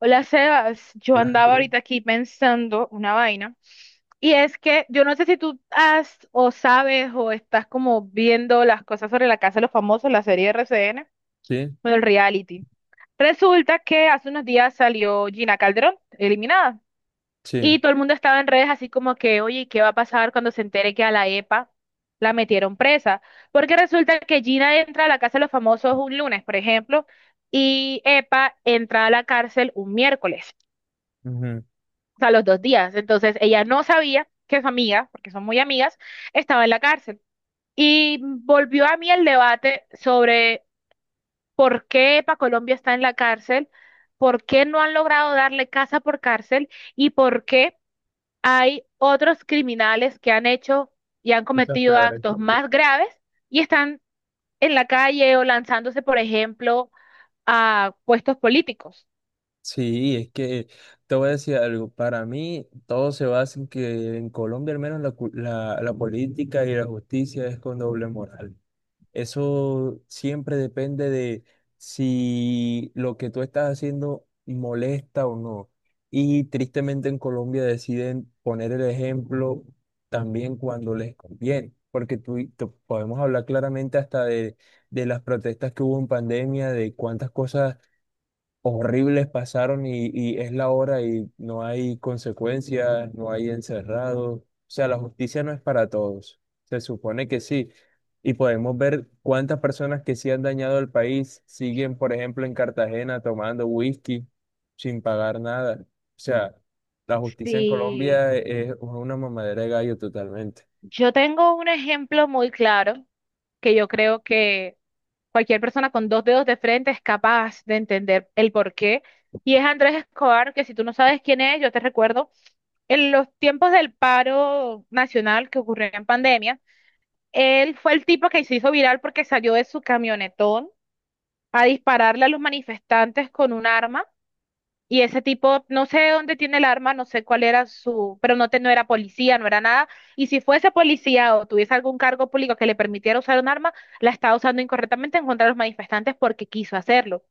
Hola Sebas, yo andaba Gracias. ahorita aquí pensando una vaina y es que yo no sé si tú has o sabes o estás como viendo las cosas sobre la Casa de los Famosos, la serie RCN, Sí, bueno, el reality. Resulta que hace unos días salió Gina Calderón eliminada sí. y todo el mundo estaba en redes así como que, oye, ¿qué va a pasar cuando se entere que a la EPA la metieron presa? Porque resulta que Gina entra a la Casa de los Famosos un lunes, por ejemplo, y EPA entra a la cárcel un miércoles, Ujú. o sea, los dos días. Entonces ella no sabía que su amiga, porque son muy amigas, estaba en la cárcel. Y volvió a mí el debate sobre por qué EPA Colombia está en la cárcel, por qué no han logrado darle casa por cárcel y por qué hay otros criminales que han hecho y han Muchas cometido peores. actos más graves y están en la calle o lanzándose, por ejemplo, a puestos políticos. Sí, es que te voy a decir algo. Para mí, todo se basa en que en Colombia, al menos, la política y la justicia es con doble moral. Eso siempre depende de si lo que tú estás haciendo molesta o no. Y tristemente en Colombia deciden poner el ejemplo también cuando les conviene, porque podemos hablar claramente hasta de las protestas que hubo en pandemia, de cuántas cosas horribles pasaron y es la hora y no hay consecuencias, no hay encerrados. O sea, la justicia no es para todos. Se supone que sí. Y podemos ver cuántas personas que sí han dañado al país siguen, por ejemplo, en Cartagena tomando whisky sin pagar nada. O sea, la justicia en Sí, Colombia es una mamadera de gallo totalmente. yo tengo un ejemplo muy claro que yo creo que cualquier persona con dos dedos de frente es capaz de entender el porqué. Y es Andrés Escobar, que si tú no sabes quién es, yo te recuerdo, en los tiempos del paro nacional que ocurrió en pandemia, él fue el tipo que se hizo viral porque salió de su camionetón a dispararle a los manifestantes con un arma y ese tipo, no sé dónde tiene el arma, no sé cuál era su, pero no, te, no era policía, no era nada. Y si fuese policía o tuviese algún cargo público que le permitiera usar un arma, la estaba usando incorrectamente en contra de los manifestantes porque quiso hacerlo.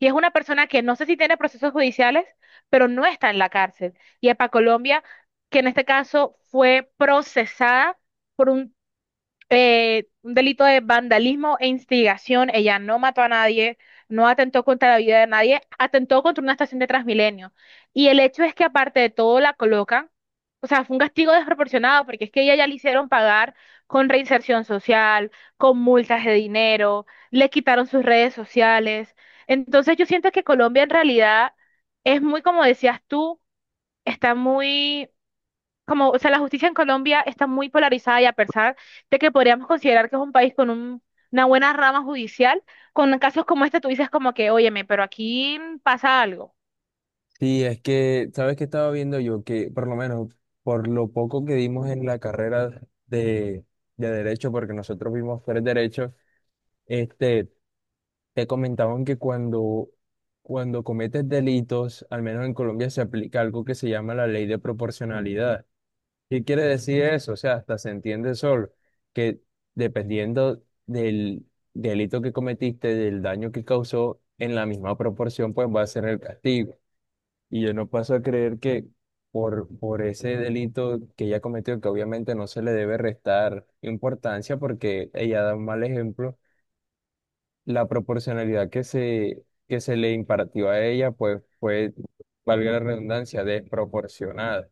Y es una persona que no sé si tiene procesos judiciales, pero no está en la cárcel. Y es para Colombia, que en este caso fue procesada por un delito de vandalismo e instigación. Ella no mató a nadie, no atentó contra la vida de nadie, atentó contra una estación de Transmilenio. Y el hecho es que aparte de todo la colocan, o sea, fue un castigo desproporcionado porque es que ella ya le hicieron pagar con reinserción social, con multas de dinero, le quitaron sus redes sociales. Entonces yo siento que Colombia en realidad es muy, como decías tú, está muy como, o sea, la justicia en Colombia está muy polarizada y a pesar de que podríamos considerar que es un país con una buena rama judicial, con casos como este tú dices como que, óyeme, pero aquí pasa algo. Sí, es que, ¿sabes qué estaba viendo yo? Que por lo menos por lo poco que dimos en la carrera de, de derecho, porque nosotros vimos tres derechos, este, te comentaban que cuando cometes delitos, al menos en Colombia se aplica algo que se llama la ley de proporcionalidad. ¿Qué quiere decir eso? O sea, hasta se entiende solo que dependiendo del delito que cometiste, del daño que causó, en la misma proporción, pues va a ser el castigo. Y yo no paso a creer que por ese delito que ella cometió, que obviamente no se le debe restar importancia porque ella da un mal ejemplo, la proporcionalidad que se le impartió a ella, pues fue, valga la redundancia, desproporcionada.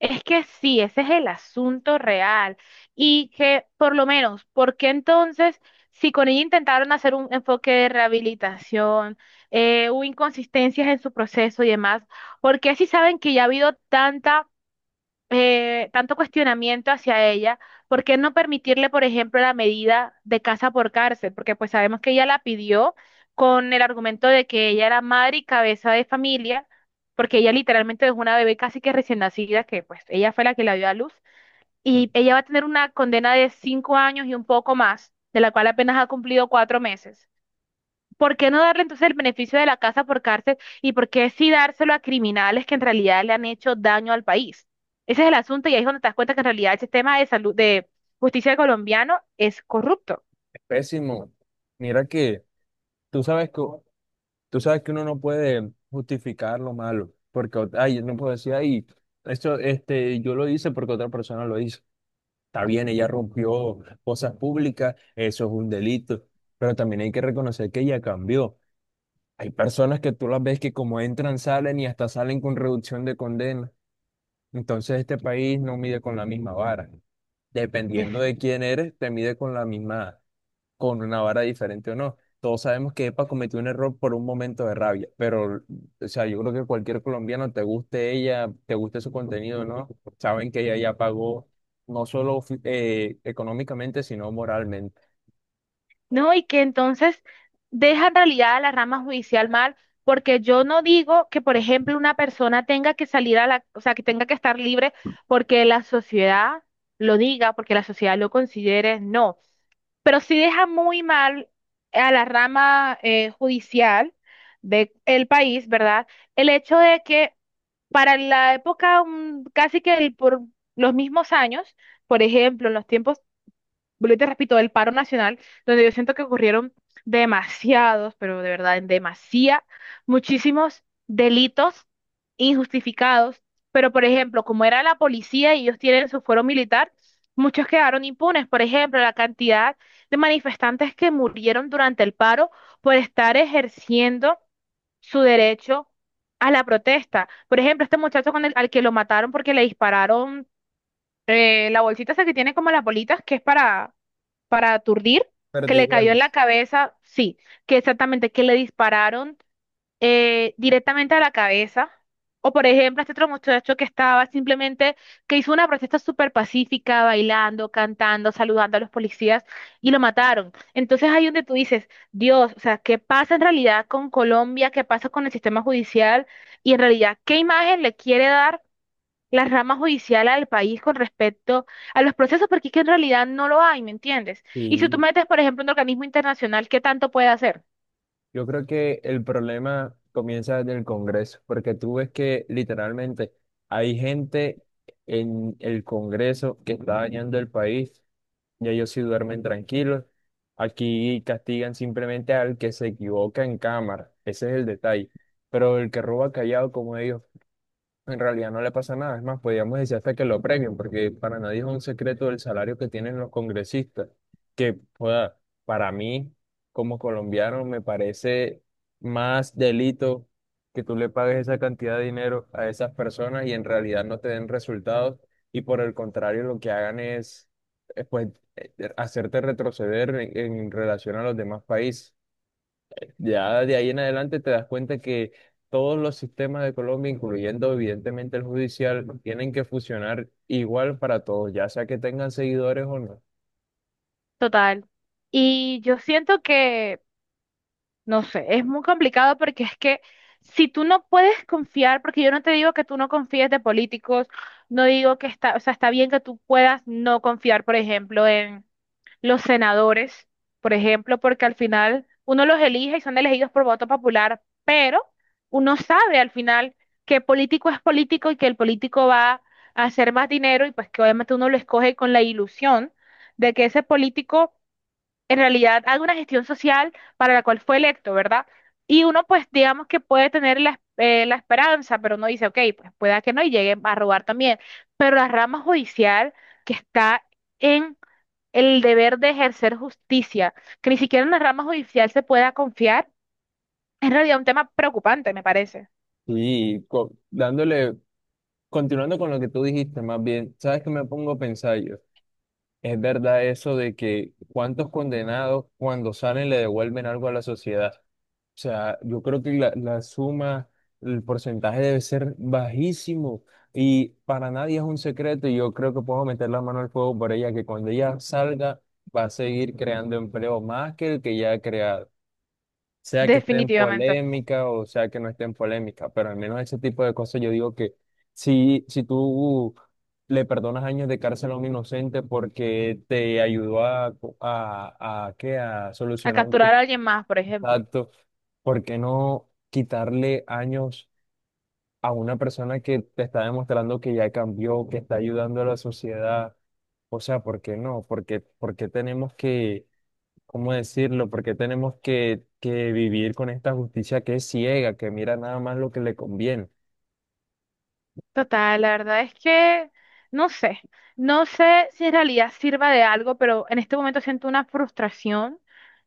Es que sí, ese es el asunto real. Y que, por lo menos, ¿por qué entonces, si con ella intentaron hacer un enfoque de rehabilitación, hubo inconsistencias en su proceso y demás? ¿Por qué si saben que ya ha habido tanta tanto cuestionamiento hacia ella, ¿por qué no permitirle, por ejemplo, la medida de casa por cárcel? Porque pues sabemos que ella la pidió con el argumento de que ella era madre y cabeza de familia, porque ella literalmente es una bebé casi que recién nacida, que pues ella fue la que la dio a luz, y ella va a tener una condena de cinco años y un poco más, de la cual apenas ha cumplido cuatro meses. ¿Por qué no darle entonces el beneficio de la casa por cárcel y por qué sí dárselo a criminales que en realidad le han hecho daño al país? Ese es el asunto y ahí es donde te das cuenta que en realidad el sistema de salud, de justicia colombiano es corrupto. Es pésimo. Mira que tú sabes que, tú sabes que uno no puede justificar lo malo, porque, ay, no puedo decir, ay, yo lo hice porque otra persona lo hizo. Está bien, ella rompió cosas públicas, eso es un delito, pero también hay que reconocer que ella cambió. Hay personas que tú las ves que como entran, salen y hasta salen con reducción de condena. Entonces este país no mide con la misma vara. Dependiendo de quién eres, te mide con la misma con una vara diferente o no. Todos sabemos que Epa cometió un error por un momento de rabia, pero, o sea, yo creo que cualquier colombiano, te guste ella, te guste su contenido, ¿no? Saben que ella ya pagó no solo económicamente, sino moralmente. No, y que entonces deja en realidad a la rama judicial mal, porque yo no digo que, por ejemplo, una persona tenga que salir a la, o sea, que tenga que estar libre porque la sociedad lo diga, porque la sociedad lo considere, no. Pero sí deja muy mal a la rama judicial del país, ¿verdad? El hecho de que para la época, casi que por los mismos años, por ejemplo, en los tiempos vuelvo y te repito, el paro nacional, donde yo siento que ocurrieron demasiados, pero de verdad, demasiada, muchísimos delitos injustificados, pero por ejemplo, como era la policía y ellos tienen su fuero militar, muchos quedaron impunes. Por ejemplo, la cantidad de manifestantes que murieron durante el paro por estar ejerciendo su derecho a la protesta. Por ejemplo, este muchacho con al que lo mataron porque le dispararon la bolsita esa que tiene como las bolitas, que es para aturdir, que le cayó en la Perdigones. cabeza, sí, que exactamente, que le dispararon directamente a la cabeza. O por ejemplo, este otro muchacho que estaba simplemente, que hizo una protesta súper pacífica, bailando, cantando, saludando a los policías y lo mataron. Entonces ahí donde tú dices, Dios, o sea, ¿qué pasa en realidad con Colombia? ¿Qué pasa con el sistema judicial? Y en realidad, ¿qué imagen le quiere dar la rama judicial al país con respecto a los procesos, porque es que en realidad no lo hay, ¿me entiendes? Y si Sí, tú metes, por ejemplo, un organismo internacional, ¿qué tanto puede hacer? yo creo que el problema comienza desde el Congreso, porque tú ves que literalmente hay gente en el Congreso que está dañando el país, ya ellos sí duermen tranquilos. Aquí castigan simplemente al que se equivoca en cámara, ese es el detalle. Pero el que roba callado como ellos en realidad no le pasa nada, es más, podríamos decir hasta que lo premien, porque para nadie es un secreto el salario que tienen los congresistas, que joda, para mí, como colombiano, me parece más delito que tú le pagues esa cantidad de dinero a esas personas y en realidad no te den resultados y por el contrario lo que hagan es, eh, pues, hacerte retroceder en relación a los demás países. Ya de ahí en adelante te das cuenta que todos los sistemas de Colombia, incluyendo evidentemente el judicial, tienen que funcionar igual para todos, ya sea que tengan seguidores o no. Total. Y yo siento que, no sé, es muy complicado porque es que si tú no puedes confiar, porque yo no te digo que tú no confíes de políticos, no digo que está, o sea, está bien que tú puedas no confiar, por ejemplo, en los senadores, por ejemplo, porque al final uno los elige y son elegidos por voto popular, pero uno sabe al final que político es político y que el político va a hacer más dinero y pues que obviamente uno lo escoge con la ilusión de que ese político en realidad haga una gestión social para la cual fue electo, ¿verdad? Y uno pues digamos que puede tener la, la esperanza, pero uno dice, ok, pues pueda que no y llegue a robar también, pero la rama judicial que está en el deber de ejercer justicia, que ni siquiera en la rama judicial se pueda confiar, es en realidad un tema preocupante, me parece, Y dándole, continuando con lo que tú dijiste, más bien, ¿sabes qué me pongo a pensar yo? Es verdad eso de que cuántos condenados cuando salen le devuelven algo a la sociedad. O sea, yo creo que la suma, el porcentaje debe ser bajísimo y para nadie es un secreto y yo creo que puedo meter la mano al fuego por ella, que cuando ella salga va a seguir creando empleo más que el que ya ha creado. Sea que esté en definitivamente. polémica o sea que no esté en polémica, pero al menos ese tipo de cosas yo digo que si tú le perdonas años de cárcel a un inocente porque te ayudó a, ¿qué? A A solucionar un capturar a crimen. alguien más, por ejemplo. Exacto. ¿Por qué no quitarle años a una persona que te está demostrando que ya cambió, que está ayudando a la sociedad? O sea, ¿por qué no? ¿Por qué tenemos que, cómo decirlo? ¿Por qué tenemos que vivir con esta justicia que es ciega, que mira nada más lo que le conviene? Total, la verdad es que no sé, no sé si en realidad sirva de algo, pero en este momento siento una frustración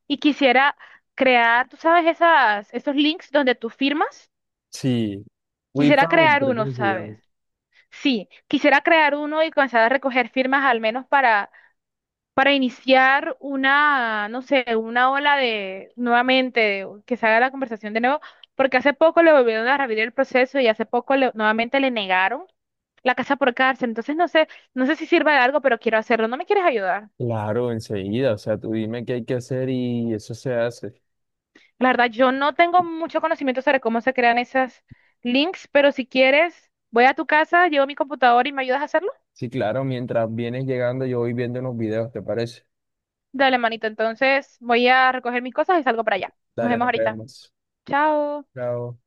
y quisiera crear, tú sabes, esas, esos links donde tú firmas, Sí. We quisiera found, crear creo uno, que se llama. ¿sabes? Sí, quisiera crear uno y comenzar a recoger firmas al menos para iniciar una, no sé, una ola de, nuevamente, de- que se haga la conversación de nuevo, porque hace poco le volvieron a revivir el proceso y hace poco nuevamente le negaron. La casa por cárcel. Entonces no sé, no sé si sirva de algo, pero quiero hacerlo. ¿No me quieres ayudar? Claro, enseguida. O sea, tú dime qué hay que hacer y eso se hace. La verdad, yo no tengo mucho conocimiento sobre cómo se crean esas links, pero si quieres, voy a tu casa, llevo mi computadora y me ayudas a hacerlo. Sí, claro, mientras vienes llegando, yo voy viendo unos videos, ¿te parece? Dale, manito. Entonces voy a recoger mis cosas y salgo para allá. Nos Dale, vemos nos ahorita. vemos. Chao. Chao.